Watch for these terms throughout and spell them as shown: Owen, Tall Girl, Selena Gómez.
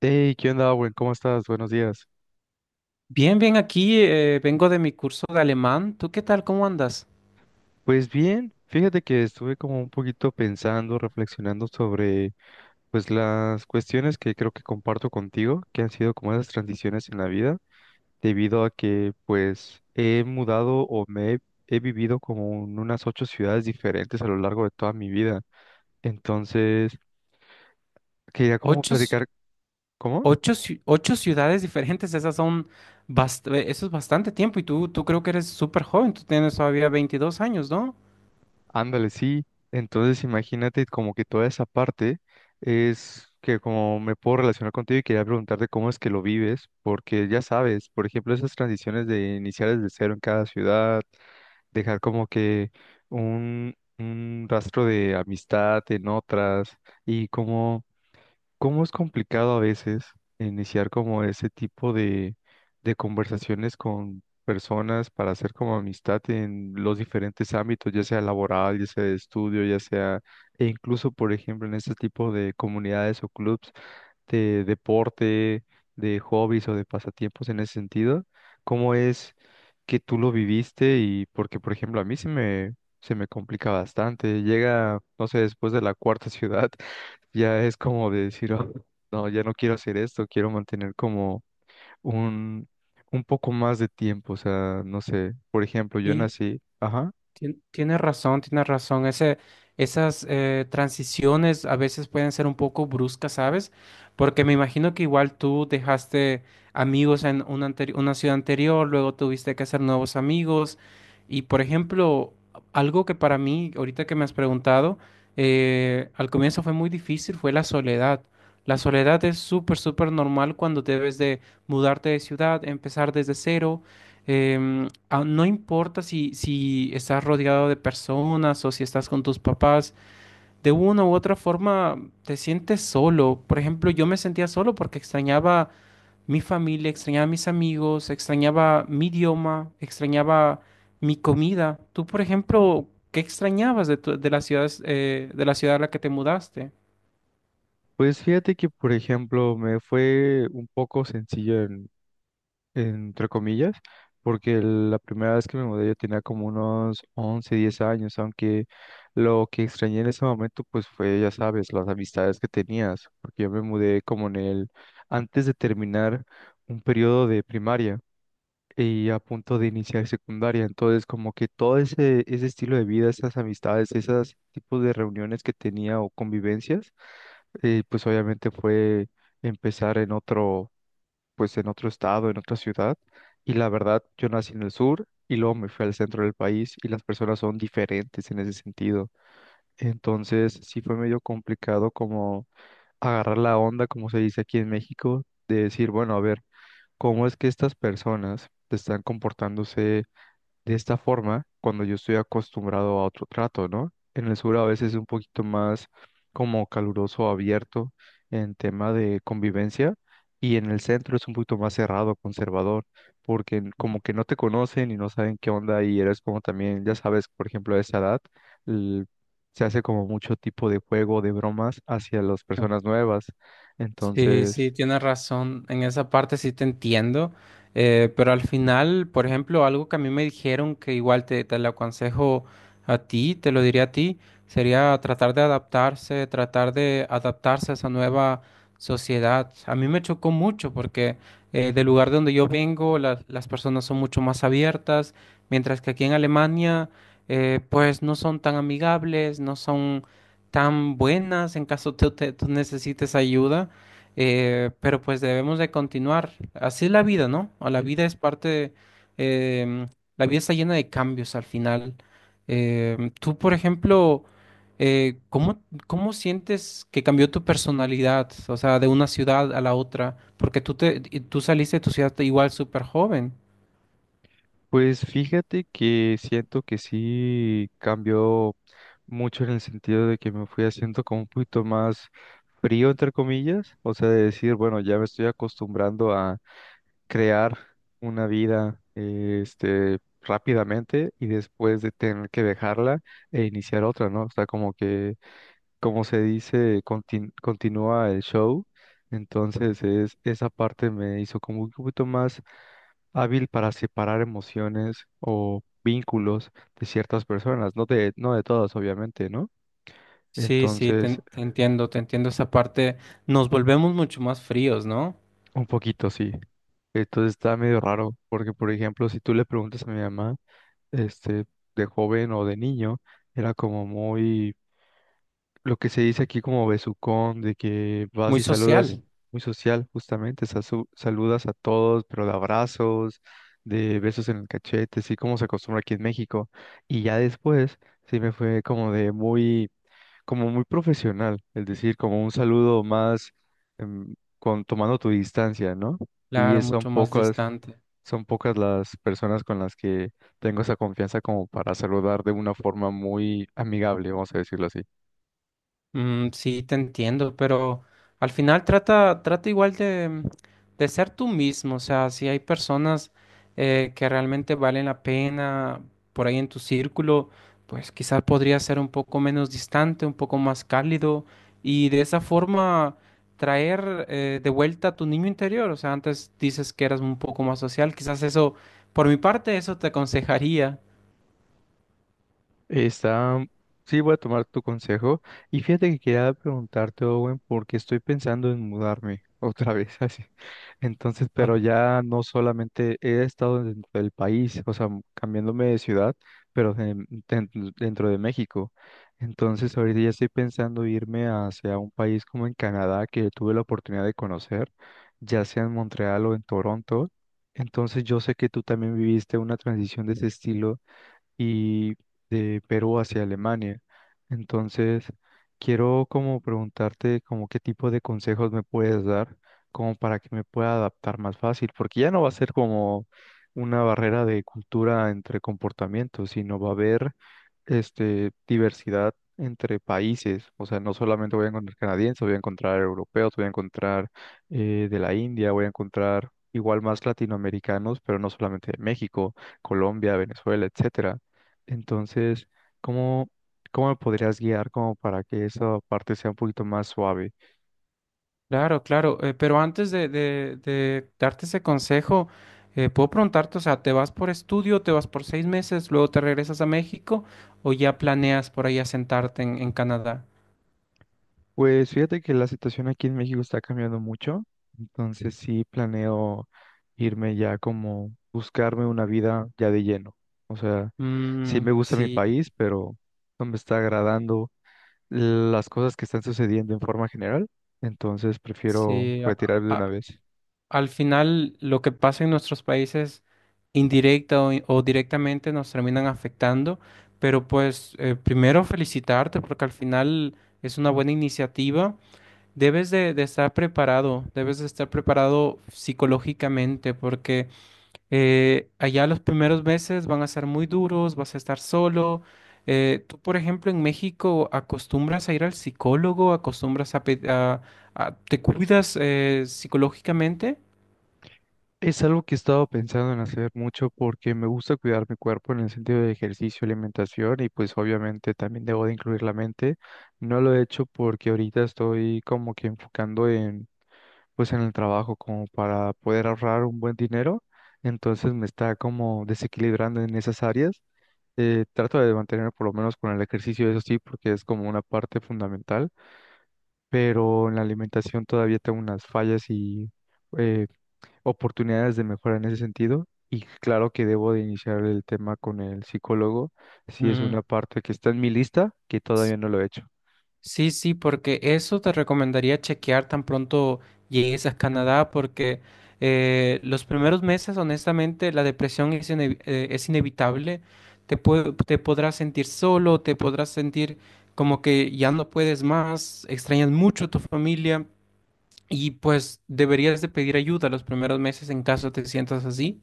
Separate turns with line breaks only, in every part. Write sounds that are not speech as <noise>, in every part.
Hey, ¿qué onda, buen? ¿Cómo estás? Buenos días.
Bien, bien, aquí vengo de mi curso de alemán. ¿Tú qué tal? ¿Cómo andas?
Pues bien, fíjate que estuve como un poquito pensando, reflexionando sobre pues las cuestiones que creo que comparto contigo, que han sido como esas transiciones en la vida, debido a que pues he mudado o he vivido como en unas 8 ciudades diferentes a lo largo de toda mi vida. Entonces, quería como
Ocho,
platicar, ¿cómo?
ocho ciudades diferentes, esas son eso es bastante tiempo y tú creo que eres súper joven, tú tienes todavía 22 años, ¿no?
Ándale, sí. Entonces imagínate como que toda esa parte es que como me puedo relacionar contigo y quería preguntarte cómo es que lo vives, porque ya sabes, por ejemplo, esas transiciones de iniciar desde cero en cada ciudad, dejar como que un rastro de amistad en otras y como ¿cómo es complicado a veces iniciar como ese tipo de conversaciones con personas para hacer como amistad en los diferentes ámbitos, ya sea laboral, ya sea de estudio, ya sea, e incluso, por ejemplo, en este tipo de comunidades o clubs, de deporte, de hobbies o de pasatiempos en ese sentido? ¿Cómo es que tú lo viviste? Y porque, por ejemplo, a mí se me complica bastante. Llega, no sé, después de la cuarta ciudad, <laughs> ya es como de decir, "Oh, no, ya no quiero hacer esto, quiero mantener como un, un poco más de tiempo". O sea, no sé, por ejemplo, yo
Sí.
nací, ajá.
Tienes razón, tienes razón. Esas transiciones a veces pueden ser un poco bruscas, ¿sabes? Porque me imagino que igual tú dejaste amigos en una ciudad anterior, luego tuviste que hacer nuevos amigos. Y por ejemplo, algo que para mí, ahorita que me has preguntado, al comienzo fue muy difícil, fue la soledad. La soledad es súper, súper normal cuando debes de mudarte de ciudad, empezar desde cero. em, no importa si estás rodeado de personas o si estás con tus papás, de una u otra forma te sientes solo. Por ejemplo, yo me sentía solo porque extrañaba mi familia, extrañaba mis amigos, extrañaba mi idioma, extrañaba mi comida. Tú, por ejemplo, ¿qué extrañabas de las ciudades, de la ciudad a la que te mudaste?
Pues fíjate que, por ejemplo, me fue un poco sencillo entre comillas, porque la primera vez que me mudé yo tenía como unos 11 10 años, aunque lo que extrañé en ese momento pues fue, ya sabes, las amistades que tenías, porque yo me mudé como antes de terminar un periodo de primaria y a punto de iniciar secundaria, entonces como que todo ese estilo de vida, esas amistades, esos tipos de reuniones que tenía o convivencias, pues obviamente fue empezar en otro pues en otro estado, en otra ciudad, y la verdad, yo nací en el sur y luego me fui al centro del país y las personas son diferentes en ese sentido. Entonces, sí fue medio complicado como agarrar la onda, como se dice aquí en México, de decir, bueno, a ver, ¿cómo es que estas personas están comportándose? De esta forma, cuando yo estoy acostumbrado a otro trato, ¿no? En el sur a veces es un poquito más como caluroso, abierto en tema de convivencia y en el centro es un poquito más cerrado, conservador, porque como que no te conocen y no saben qué onda y eres como también, ya sabes, por ejemplo, a esa edad l- se hace como mucho tipo de juego, de bromas hacia las personas nuevas.
Sí, sí,
Entonces...
tienes razón. En esa parte sí te entiendo. Pero al final, por ejemplo, algo que a mí me dijeron que igual te lo aconsejo a ti, te lo diría a ti, sería tratar de adaptarse a esa nueva sociedad. A mí me chocó mucho porque del lugar de donde yo vengo, las personas son mucho más abiertas, mientras que aquí en Alemania, pues no son tan amigables, no son tan buenas en caso tú necesites ayuda. Pero pues debemos de continuar. Así es la vida, ¿no? O la. Sí. Vida es parte de, em, la vida está llena de cambios al final. Tú, por ejemplo, ¿cómo, cómo sientes que cambió tu personalidad? O sea, de una ciudad a la otra. Porque y tú saliste de tu ciudad igual súper joven.
Pues fíjate que siento que sí cambió mucho en el sentido de que me fui haciendo como un poquito más frío, entre comillas, o sea, de decir, bueno, ya me estoy acostumbrando a crear una vida, rápidamente y después de tener que dejarla e iniciar otra, ¿no? O sea, como que, como se dice, continúa el show, entonces es, esa parte me hizo como un poquito más hábil para separar emociones o vínculos de ciertas personas, no no de todas, obviamente, ¿no?
Sí, sí,
Entonces,
te entiendo esa parte. Nos volvemos mucho más fríos, ¿no?
un poquito sí. Entonces está medio raro, porque por ejemplo, si tú le preguntas a mi mamá, este, de joven o de niño, era como muy lo que se dice aquí como besucón, de que vas
Muy
y saludas
social.
muy social, justamente, saludas a todos, pero de abrazos, de besos en el cachete, así como se acostumbra aquí en México. Y ya después, sí me fue como de muy, como muy profesional, es decir, como un saludo más em, con, tomando tu distancia, ¿no?
Claro,
Son
mucho más
pocas,
distante.
son pocas las personas con las que tengo esa confianza como para saludar de una forma muy amigable, vamos a decirlo así.
Mm, sí, te entiendo, pero al final trata igual de ser tú mismo. O sea, si hay personas que realmente valen la pena por ahí en tu círculo, pues quizás podría ser un poco menos distante, un poco más cálido y de esa forma traer de vuelta a tu niño interior. O sea, antes dices que eras un poco más social, quizás eso, por mi parte, eso te aconsejaría.
Está, sí, voy a tomar tu consejo. Y fíjate que quería preguntarte, Owen, porque estoy pensando en mudarme otra vez, <laughs> así. Entonces, pero ya no solamente he estado dentro del país, o sea, cambiándome de ciudad, pero den- dentro de México. Entonces, ahorita ya estoy pensando irme hacia un país como en Canadá, que tuve la oportunidad de conocer, ya sea en Montreal o en Toronto. Entonces, yo sé que tú también viviste una transición de ese estilo y de Perú hacia Alemania. Entonces, quiero como preguntarte como qué tipo de consejos me puedes dar como para que me pueda adaptar más fácil, porque ya no va a ser como una barrera de cultura entre comportamientos, sino va a haber este, diversidad entre países. O sea, no solamente voy a encontrar canadienses, voy a encontrar europeos, voy a encontrar de la India, voy a encontrar igual más latinoamericanos, pero no solamente de México, Colombia, Venezuela, etcétera. Entonces, ¿cómo, ¿cómo me podrías guiar como para que esa parte sea un poquito más suave?
Claro, claro, pero antes de darte ese consejo, puedo preguntarte, o sea, ¿te vas por estudio, te vas por 6 meses, luego te regresas a México o ya planeas por ahí asentarte en Canadá?
Pues fíjate que la situación aquí en México está cambiando mucho, entonces sí planeo irme ya como buscarme una vida ya de lleno. O sea, sí
Mm,
me gusta mi
sí,
país, pero no me está agradando las cosas que están sucediendo en forma general, entonces prefiero
sí,
retirarme de una vez.
al final lo que pasa en nuestros países indirecta o directamente nos terminan afectando, pero pues primero felicitarte porque al final es una buena iniciativa. Debes de estar preparado, debes de estar preparado psicológicamente porque allá los primeros meses van a ser muy duros, vas a estar solo. Tú, por ejemplo, en México acostumbras a ir al psicólogo, acostumbras a, pe- a- te cuidas psicológicamente.
Es algo que he estado pensando en hacer mucho porque me gusta cuidar mi cuerpo en el sentido de ejercicio, alimentación y pues obviamente también debo de incluir la mente. No lo he hecho porque ahorita estoy como que enfocando en pues en el trabajo como para poder ahorrar un buen dinero, entonces me está como desequilibrando en esas áreas. Trato de mantenerme por lo menos con el ejercicio, eso sí, porque es como una parte fundamental, pero en la alimentación todavía tengo unas fallas y... eh, oportunidades de mejora en ese sentido. Y claro que debo de iniciar el tema con el psicólogo, si es una
Mm.
parte que está en mi lista, que todavía no lo he hecho.
Sí, sí, porque eso te recomendaría chequear tan pronto llegues a Canadá, porque los primeros meses, honestamente, la depresión es inevitable. Te podrás sentir solo, te podrás sentir como que ya no puedes más, extrañas mucho a tu familia y pues deberías de pedir ayuda los primeros meses en caso te sientas así.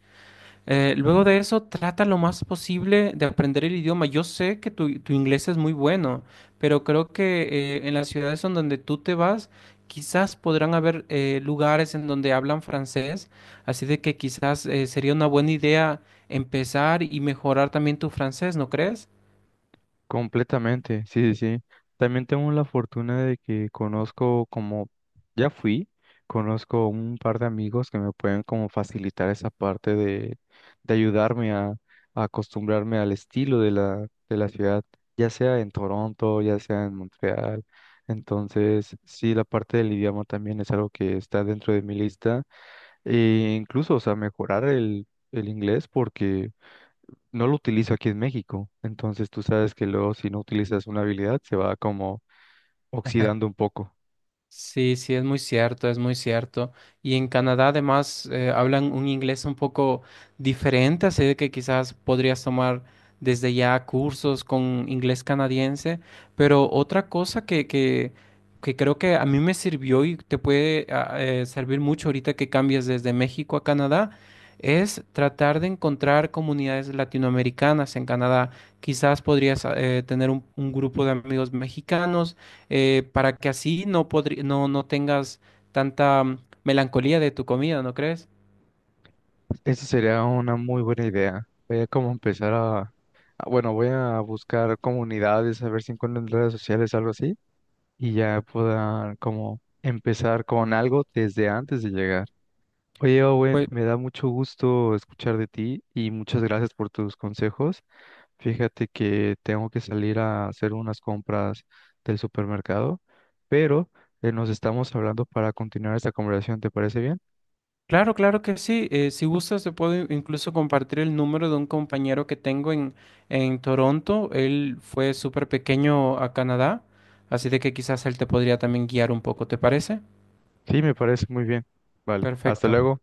Luego de eso, trata lo más posible de aprender el idioma. Yo sé que tu inglés es muy bueno, pero creo que en las ciudades en donde tú te vas, quizás podrán haber lugares en donde hablan francés, así de que quizás sería una buena idea empezar y mejorar también tu francés, ¿no crees?
Completamente, sí, sí, sí. También tengo la fortuna de que conozco como, ya fui, conozco un par de amigos que me pueden como facilitar esa parte de ayudarme a acostumbrarme al estilo de de la ciudad, ya sea en Toronto, ya sea en Montreal. Entonces, sí, la parte del idioma también es algo que está dentro de mi lista. E incluso, o sea, mejorar el inglés porque no lo utilizo aquí en México. Entonces tú sabes que luego si no utilizas una habilidad se va como
<laughs>
oxidando un poco.
Sí, sí, es muy cierto, es muy cierto. Y en Canadá además hablan un inglés un poco diferente, así de que quizás podrías tomar desde ya cursos con inglés canadiense. Pero otra cosa que creo que a mí me sirvió y te puede servir mucho ahorita que cambies desde México a Canadá es tratar de encontrar comunidades latinoamericanas en Canadá. Quizás podrías tener un grupo de amigos mexicanos para que así no, no tengas tanta mm, melancolía de tu comida, ¿no crees?
Esa sería una muy buena idea. Voy a como empezar a, bueno, voy a buscar comunidades, a ver si encuentro en redes sociales algo así y ya pueda como empezar con algo desde antes de llegar. Oye, Owen,
Pues
me da mucho gusto escuchar de ti y muchas gracias por tus consejos. Fíjate que tengo que salir a hacer unas compras del supermercado, pero nos estamos hablando para continuar esta conversación. ¿Te parece bien?
claro, claro que sí. Si gustas, te puedo incluso compartir el número de un compañero que tengo en Toronto. Él fue súper pequeño a Canadá, así de que quizás él te podría también guiar un poco, ¿te parece?
Sí, me parece muy bien. Vale, hasta
Perfecto.
luego.